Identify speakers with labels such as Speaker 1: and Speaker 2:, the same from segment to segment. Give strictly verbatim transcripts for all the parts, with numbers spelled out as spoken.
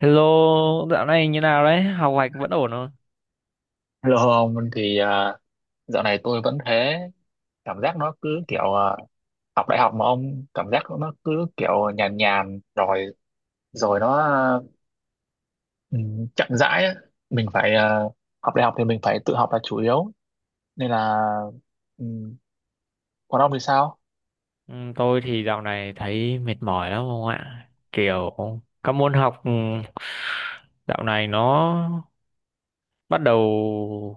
Speaker 1: Hello, dạo này như nào đấy? Học hành vẫn ổn không?
Speaker 2: Hello ông thì à, dạo này tôi vẫn thế. Cảm giác nó cứ kiểu à, học đại học mà ông, cảm giác nó cứ kiểu nhàn nhàn rồi rồi nó ừ, chậm rãi á. Mình phải à, học đại học thì mình phải tự học là chủ yếu, nên là ừ, còn ông thì sao?
Speaker 1: Ừ, tôi thì dạo này thấy mệt mỏi lắm không ạ? Kiểu các môn học ừ, dạo này nó bắt đầu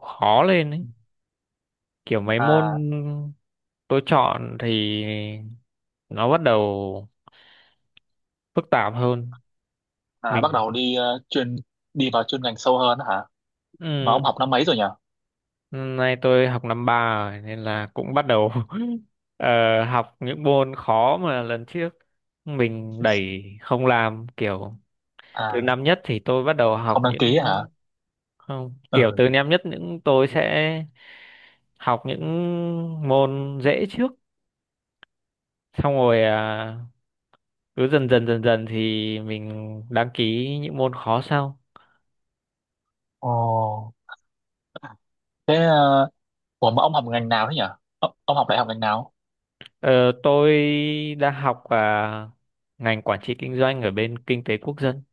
Speaker 1: khó lên ấy. Kiểu mấy môn
Speaker 2: à,
Speaker 1: tôi chọn thì nó bắt đầu phức tạp hơn.
Speaker 2: à bắt
Speaker 1: Mình
Speaker 2: đầu đi ờ, chuyên, đi vào chuyên ngành sâu hơn á hả? Mà
Speaker 1: ừ,
Speaker 2: ông học năm mấy rồi nhỉ?
Speaker 1: Nay tôi học năm ba rồi nên là cũng bắt đầu ờ, học những môn khó mà lần trước mình đẩy không làm, kiểu từ
Speaker 2: À
Speaker 1: năm nhất thì tôi bắt đầu học
Speaker 2: không đăng ký
Speaker 1: những
Speaker 2: hả?
Speaker 1: không, kiểu
Speaker 2: Ừ.
Speaker 1: từ năm nhất những tôi sẽ học những môn dễ trước, xong rồi à, cứ dần dần dần dần thì mình đăng ký những môn khó sau.
Speaker 2: Ồ. thế uh, ủa mà ông học ngành nào thế nhỉ? Ông ông học đại học ngành nào?
Speaker 1: Ờ, tôi đang học à, ngành quản trị kinh doanh ở bên kinh tế quốc dân.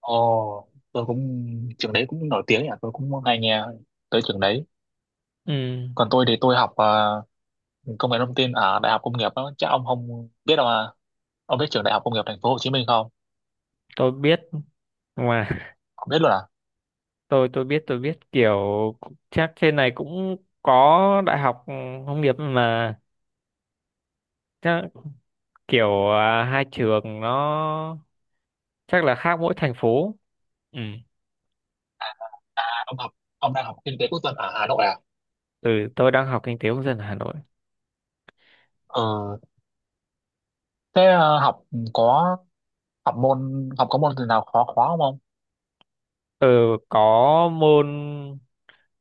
Speaker 2: Ồ, tôi cũng, trường đấy cũng nổi tiếng nhỉ, tôi cũng hay nghe tới trường đấy.
Speaker 1: Ừ,
Speaker 2: Còn tôi thì tôi học ờ, công nghệ thông tin ở Đại học Công nghiệp đó, chắc ông không biết đâu à? Ông biết trường Đại học Công nghiệp Thành phố Hồ Chí Minh không?
Speaker 1: tôi biết mà
Speaker 2: Không biết luôn à?
Speaker 1: tôi tôi biết, tôi biết kiểu chắc trên này cũng có đại học ừ, nông nghiệp mà, chắc kiểu à, hai trường nó chắc là khác mỗi thành phố. Ừ,
Speaker 2: À, ông học, ông đang học kinh tế quốc dân ở Hà Nội à?
Speaker 1: ừ, tôi đang học kinh tế công dân ở Hà Nội.
Speaker 2: Ừ, thế ờ, học có, học môn học có môn gì nào khó khó không ông?
Speaker 1: Ừ, có môn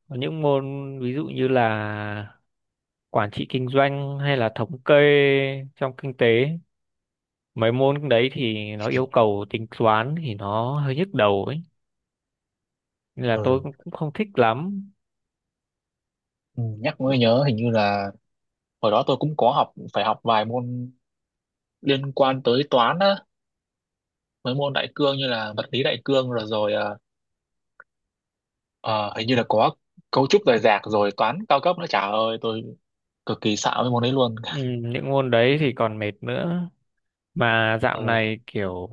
Speaker 1: có những môn ví dụ như là quản trị kinh doanh hay là thống kê trong kinh tế. Mấy môn đấy thì nó yêu cầu tính toán thì nó hơi nhức đầu ấy. Nên là
Speaker 2: Ừ,
Speaker 1: tôi cũng cũng không thích lắm.
Speaker 2: ừ, nhắc mới nhớ hình như là hồi đó tôi cũng có học, phải học vài môn liên quan tới toán á, mấy môn đại cương như là vật lý đại cương rồi rồi Ờ, hình như là có cấu trúc rời rạc rồi toán cao cấp nữa, chả ơi tôi cực kỳ sợ với môn đấy luôn.
Speaker 1: Ừ, những môn đấy thì còn mệt nữa, mà dạo
Speaker 2: Ừ,
Speaker 1: này kiểu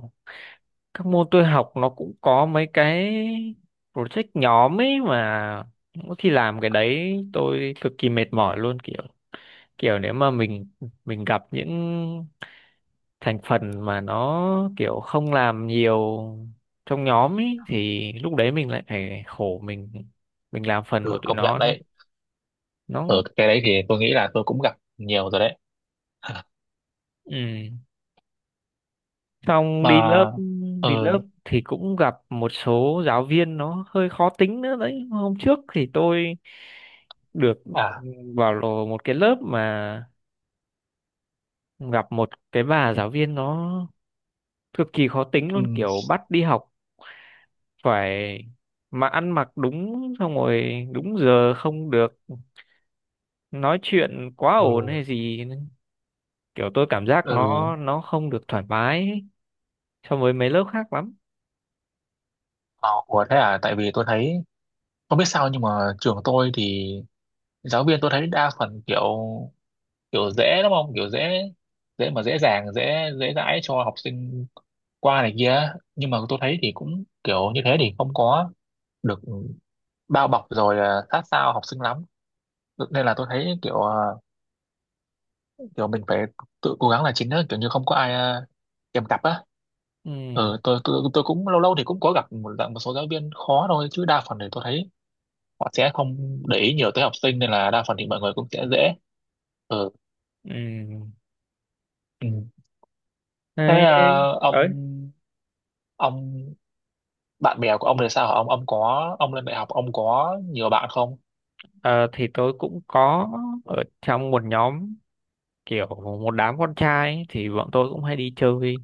Speaker 1: các môn tôi học nó cũng có mấy cái project nhóm ấy, mà mỗi khi làm cái đấy tôi cực kỳ mệt mỏi luôn, kiểu kiểu nếu mà mình mình gặp những thành phần mà nó kiểu không làm nhiều trong nhóm ấy thì lúc đấy mình lại phải khổ, mình mình làm phần của
Speaker 2: ừ,
Speaker 1: tụi
Speaker 2: công nhận
Speaker 1: nó đó.
Speaker 2: đấy, ở
Speaker 1: Nó
Speaker 2: cái đấy thì tôi nghĩ là tôi cũng gặp nhiều rồi đấy.
Speaker 1: ừ Xong
Speaker 2: Mà
Speaker 1: đi lớp, đi lớp
Speaker 2: ừ,
Speaker 1: thì cũng gặp một số giáo viên nó hơi khó tính nữa đấy. Hôm trước thì tôi được ừ,
Speaker 2: à,
Speaker 1: vào lò một cái lớp mà gặp một cái bà giáo viên nó cực kỳ khó tính luôn,
Speaker 2: ừ,
Speaker 1: kiểu bắt đi học phải mà ăn mặc đúng, xong rồi đúng giờ, không được nói chuyện quá
Speaker 2: ừ,
Speaker 1: ồn hay gì, kiểu tôi cảm giác
Speaker 2: ừ,
Speaker 1: nó nó không được thoải mái so với mấy lớp khác lắm.
Speaker 2: ờ, ủa thế à, tại vì tôi thấy không biết sao nhưng mà trường tôi thì giáo viên tôi thấy đa phần kiểu, kiểu dễ đúng không, kiểu dễ dễ mà dễ dàng dễ dễ dãi cho học sinh qua này kia, nhưng mà tôi thấy thì cũng kiểu như thế thì không có được bao bọc rồi à, sát sao học sinh lắm, nên là tôi thấy kiểu à, kiểu mình phải tự cố gắng là chính á, kiểu như không có ai à, kèm cặp á.
Speaker 1: Ừ,
Speaker 2: Ừ, tôi, tôi tôi cũng lâu lâu thì cũng có gặp một, dạng một số giáo viên khó thôi, chứ đa phần thì tôi thấy họ sẽ không để ý nhiều tới học sinh, nên là đa phần thì mọi người cũng sẽ dễ. Ừ.
Speaker 1: ừ,
Speaker 2: Ừ. Thế à, ông
Speaker 1: đấy.
Speaker 2: ông bạn bè của ông thì sao hả? ông ông có, ông lên đại học ông có nhiều bạn không?
Speaker 1: Ờ, thì tôi cũng có ở trong một nhóm, kiểu một đám con trai ấy, thì bọn tôi cũng hay đi chơi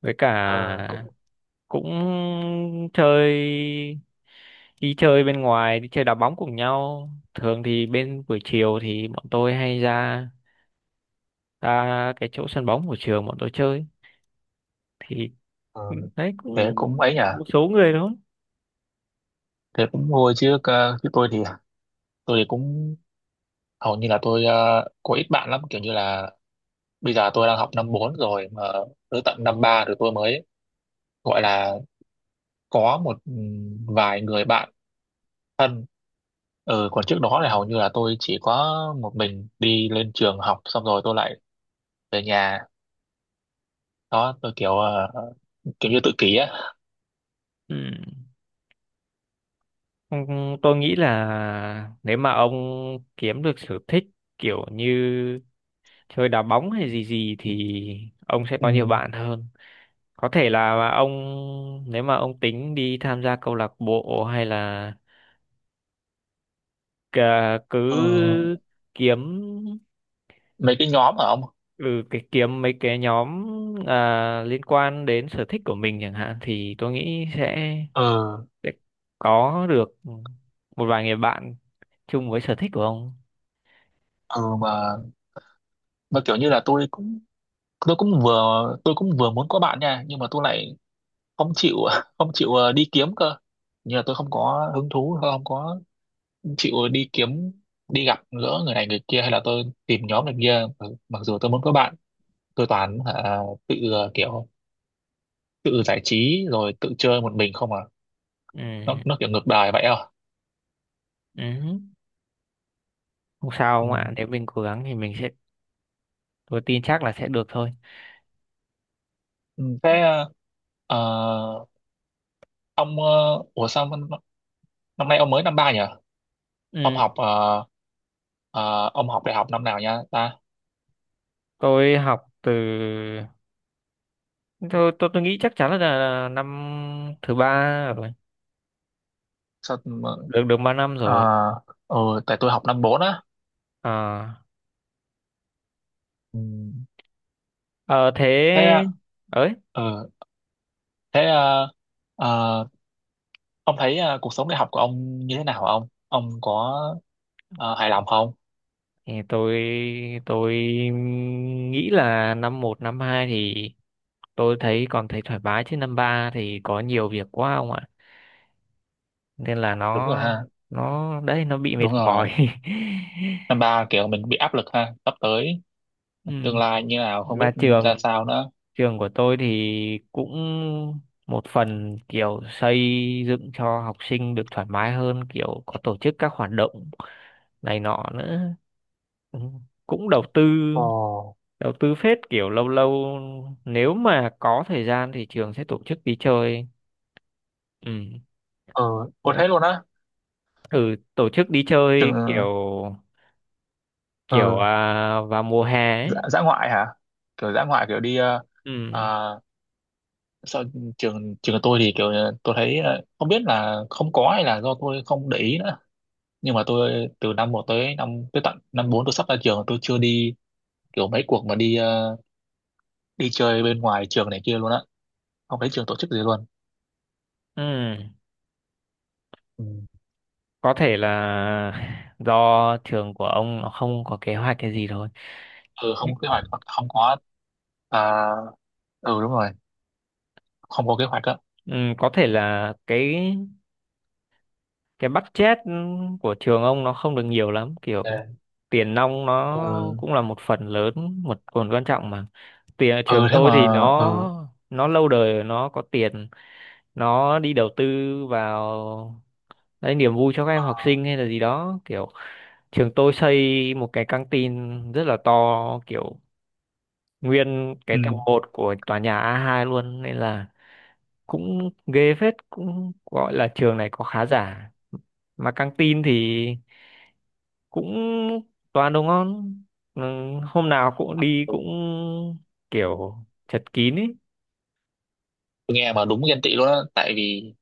Speaker 1: với cả,
Speaker 2: Ờ, cũng,
Speaker 1: cũng chơi, đi chơi bên ngoài, đi chơi đá bóng cùng nhau. Thường thì bên buổi chiều thì bọn tôi hay ra ra cái chỗ sân bóng của trường bọn tôi chơi, thì
Speaker 2: ờ,
Speaker 1: đấy
Speaker 2: thế
Speaker 1: cũng
Speaker 2: cũng ấy nhỉ,
Speaker 1: một số người thôi.
Speaker 2: thế cũng vui chứ. ờ, Chứ tôi thì, tôi thì cũng hầu như là tôi ờ, có ít bạn lắm, kiểu như là bây giờ tôi đang học năm bốn rồi mà tới tận năm ba rồi tôi mới gọi là có một ừm, vài người bạn. Ừ, còn trước
Speaker 1: Ừ.
Speaker 2: đó là hầu như là tôi chỉ có một mình đi lên trường học, xong rồi tôi lại về nhà. Đó tôi kiểu ờ, kiểu như tự kỷ á.
Speaker 1: Ừ. Ừ, tôi nghĩ là nếu mà ông kiếm được sở thích kiểu như chơi đá bóng hay gì gì thì ông sẽ
Speaker 2: Ừ.
Speaker 1: có nhiều bạn hơn. Có thể là ông, nếu mà ông tính đi tham gia câu lạc bộ hay là cà-
Speaker 2: Ờ,
Speaker 1: cứ kiếm,
Speaker 2: mấy cái nhóm ở ông.
Speaker 1: ừ, cái kiếm mấy cái nhóm à, liên quan đến sở thích của mình chẳng hạn, thì tôi nghĩ sẽ,
Speaker 2: Ờ.
Speaker 1: sẽ có được một vài người bạn chung với sở thích của ông.
Speaker 2: Ừ mà mà kiểu như là tôi cũng, tôi cũng vừa, tôi cũng vừa muốn có bạn nha, nhưng mà tôi lại không chịu không chịu ờ, đi kiếm cơ. Nhưng là tôi không có hứng thú, tôi không có chịu đi kiếm, đi gặp gỡ người này người kia, hay là tôi tìm nhóm này kia, mặc mặc dù tôi muốn có bạn. Tôi toàn hả, tự ờ, kiểu tự giải trí rồi tự chơi một mình không à. nó
Speaker 1: Ừ.
Speaker 2: nó kiểu ngược đời vậy à.
Speaker 1: Ừ. Không sao
Speaker 2: Ừ.
Speaker 1: ông ạ, nếu mình cố gắng thì mình sẽ tôi tin chắc là sẽ được thôi.
Speaker 2: Ừ. thế ờ, ông ờ, ủa sao năm năm nay ông mới năm ba nhỉ? ông
Speaker 1: Ừ.
Speaker 2: học ờ, ờ, ông học đại học năm nào nha ta?
Speaker 1: tôi học từ tôi tôi, tôi nghĩ chắc chắn là, là năm thứ ba rồi.
Speaker 2: Sao?
Speaker 1: Được được ba năm
Speaker 2: Ờ.
Speaker 1: rồi.
Speaker 2: Ờ, ừ, tại tôi học năm bốn á.
Speaker 1: à,
Speaker 2: Ừ.
Speaker 1: ờ,
Speaker 2: thế
Speaker 1: Thế ấy,
Speaker 2: ờ, thế ờ, ờ, ông thấy ờ, cuộc sống đại học của ông như thế nào hả? Ông ông có ờ, hài lòng không?
Speaker 1: thì tôi tôi nghĩ là năm một năm hai thì tôi thấy còn thấy thoải mái, chứ năm ba thì có nhiều việc quá ông ạ, nên là
Speaker 2: Đúng rồi
Speaker 1: nó
Speaker 2: ha.
Speaker 1: nó đấy, nó bị mệt
Speaker 2: Đúng rồi,
Speaker 1: mỏi.
Speaker 2: năm ba kiểu mình bị áp lực ha, sắp tới
Speaker 1: Ừ.
Speaker 2: tương lai như nào không
Speaker 1: mà
Speaker 2: biết ra
Speaker 1: trường
Speaker 2: sao nữa.
Speaker 1: Trường của tôi thì cũng một phần kiểu xây dựng cho học sinh được thoải mái hơn, kiểu có tổ chức các hoạt động này nọ nữa. Ừ, cũng đầu tư,
Speaker 2: Ồ.
Speaker 1: đầu tư phết, kiểu lâu lâu nếu mà có thời gian thì trường sẽ tổ chức đi chơi. Ừ.
Speaker 2: Ờ, có thế luôn á?
Speaker 1: Ừ, tổ chức đi chơi kiểu
Speaker 2: Trường.
Speaker 1: kiểu
Speaker 2: Ờ.
Speaker 1: à, vào mùa hè
Speaker 2: dã,
Speaker 1: ấy.
Speaker 2: dã ngoại hả? Kiểu dã ngoại kiểu đi ờ,
Speaker 1: Ừ.
Speaker 2: ờ, Sao? Trường, trường của tôi thì kiểu ờ, tôi thấy ờ, không biết là không có hay là do tôi không để ý nữa, nhưng mà tôi từ năm một tới năm, tới tận năm bốn tôi sắp ra trường tôi chưa đi kiểu mấy cuộc mà đi ờ, đi chơi bên ngoài trường này kia luôn á, không thấy trường tổ chức gì luôn.
Speaker 1: Ừ.
Speaker 2: Ừ.
Speaker 1: Có thể là do trường của ông nó không có kế hoạch cái gì thôi.
Speaker 2: Ừ không có kế hoạch, hoặc không có, à, ừ đúng rồi, không có kế hoạch á.
Speaker 1: Ừ, có thể là cái cái budget của trường ông nó không được nhiều lắm, kiểu
Speaker 2: Dạ.
Speaker 1: tiền nong nó
Speaker 2: Ừ.
Speaker 1: cũng là một phần lớn, một phần quan trọng, mà tiền
Speaker 2: Ừ
Speaker 1: trường
Speaker 2: thế
Speaker 1: tôi thì
Speaker 2: mà ừ.
Speaker 1: nó nó lâu đời, nó có tiền, nó đi đầu tư vào đấy niềm vui cho các
Speaker 2: Ờ,
Speaker 1: em học sinh hay là gì đó, kiểu trường tôi xây một cái căng tin rất là to, kiểu nguyên cái
Speaker 2: ừ.
Speaker 1: tầng một của tòa nhà a hai luôn, nên là cũng ghê phết, cũng gọi là trường này có khá giả, mà căng tin thì cũng toàn đồ ngon. Ừ, hôm nào cũng đi, cũng
Speaker 2: Đúng.
Speaker 1: kiểu chật kín ấy.
Speaker 2: Tôi nghe mà đúng ghen tị luôn á, tại vì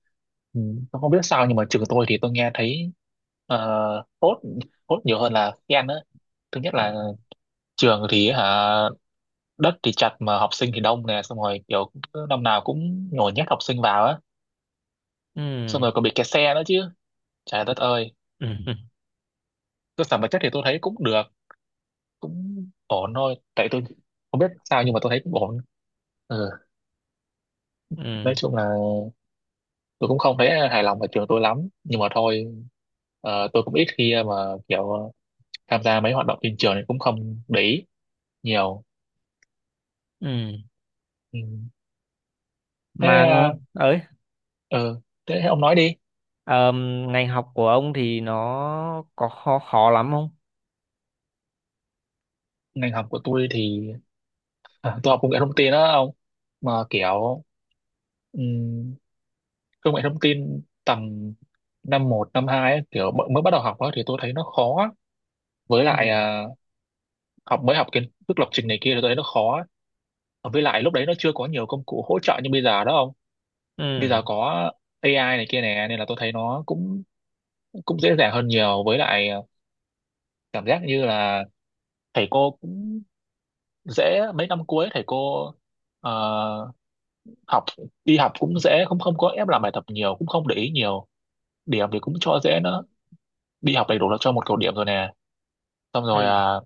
Speaker 2: ừ, tôi không biết sao nhưng mà trường tôi thì tôi nghe thấy ờ, tốt, tốt nhiều hơn là ghen á. Thứ nhất
Speaker 1: À,
Speaker 2: là trường thì hả, đất thì chặt mà học sinh thì đông nè, xong rồi kiểu cứ năm nào cũng nhồi nhét học sinh vào á,
Speaker 1: ừ,
Speaker 2: xong rồi còn bị kẹt xe nữa chứ, trời đất ơi.
Speaker 1: ừ,
Speaker 2: Cơ sở vật chất thì tôi thấy cũng được, cũng ổn thôi, tại tôi không biết sao nhưng mà tôi thấy cũng ổn. Ừ.
Speaker 1: ừ,
Speaker 2: Nói chung là tôi cũng không thấy hài lòng ở trường tôi lắm, nhưng mà thôi, ờ, tôi cũng ít khi mà kiểu tham gia mấy hoạt động trên trường thì cũng không để ý nhiều.
Speaker 1: ừ.
Speaker 2: Ừ. thế
Speaker 1: mà
Speaker 2: ờ,
Speaker 1: ấy
Speaker 2: ừ. Thế ông nói đi.
Speaker 1: ờm, Ngành học của ông thì nó có khó khó lắm không?
Speaker 2: Ngành học của tôi thì à, tôi học công nghệ thông tin đó ông, mà kiểu ừm, công nghệ thông tin tầm năm một năm hai ấy, kiểu bọn-, mới bắt đầu học á thì tôi thấy nó khó á. Với
Speaker 1: Ừ,
Speaker 2: lại à, học, mới học kiến thức lập trình này kia thì tôi thấy nó khó á. Và với lại lúc đấy nó chưa có nhiều công cụ hỗ trợ như bây giờ đó không, bây
Speaker 1: ừ,
Speaker 2: giờ có A I này kia nè, nên là tôi thấy nó cũng, cũng dễ dàng hơn nhiều. Với lại à, cảm giác như là thầy cô cũng dễ, mấy năm cuối thầy cô ờ, học đi học cũng dễ, cũng không có ép làm bài tập nhiều, cũng không để ý nhiều, điểm thì cũng cho dễ nữa, đi học đầy đủ là cho một cột điểm rồi nè, xong
Speaker 1: ừ.
Speaker 2: rồi à,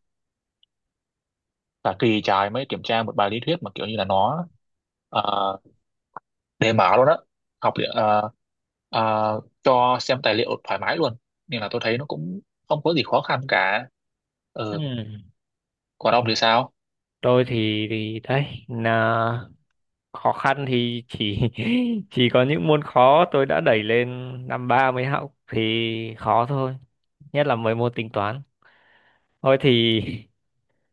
Speaker 2: cả kỳ trái mới kiểm tra một bài lý thuyết, mà kiểu như là nó à, đề mở luôn á, học liệu- à, à, cho xem tài liệu thoải mái luôn, nên là tôi thấy nó cũng không có gì khó khăn cả. Ừ.
Speaker 1: Ừ,
Speaker 2: Còn ông thì sao?
Speaker 1: tôi thì thì đấy là khó khăn, thì chỉ chỉ có những môn khó tôi đã đẩy lên năm ba mới học thì khó thôi, nhất là mấy môn tính toán. Thôi thì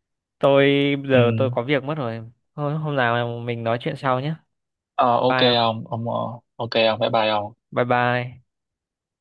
Speaker 1: tôi bây
Speaker 2: Ừ.
Speaker 1: giờ tôi có việc mất rồi, thôi hôm nào mình nói chuyện sau nhé.
Speaker 2: Ờ, ok
Speaker 1: Bye
Speaker 2: ông ông ờ, ok ông, bye bye ông.
Speaker 1: bye bye.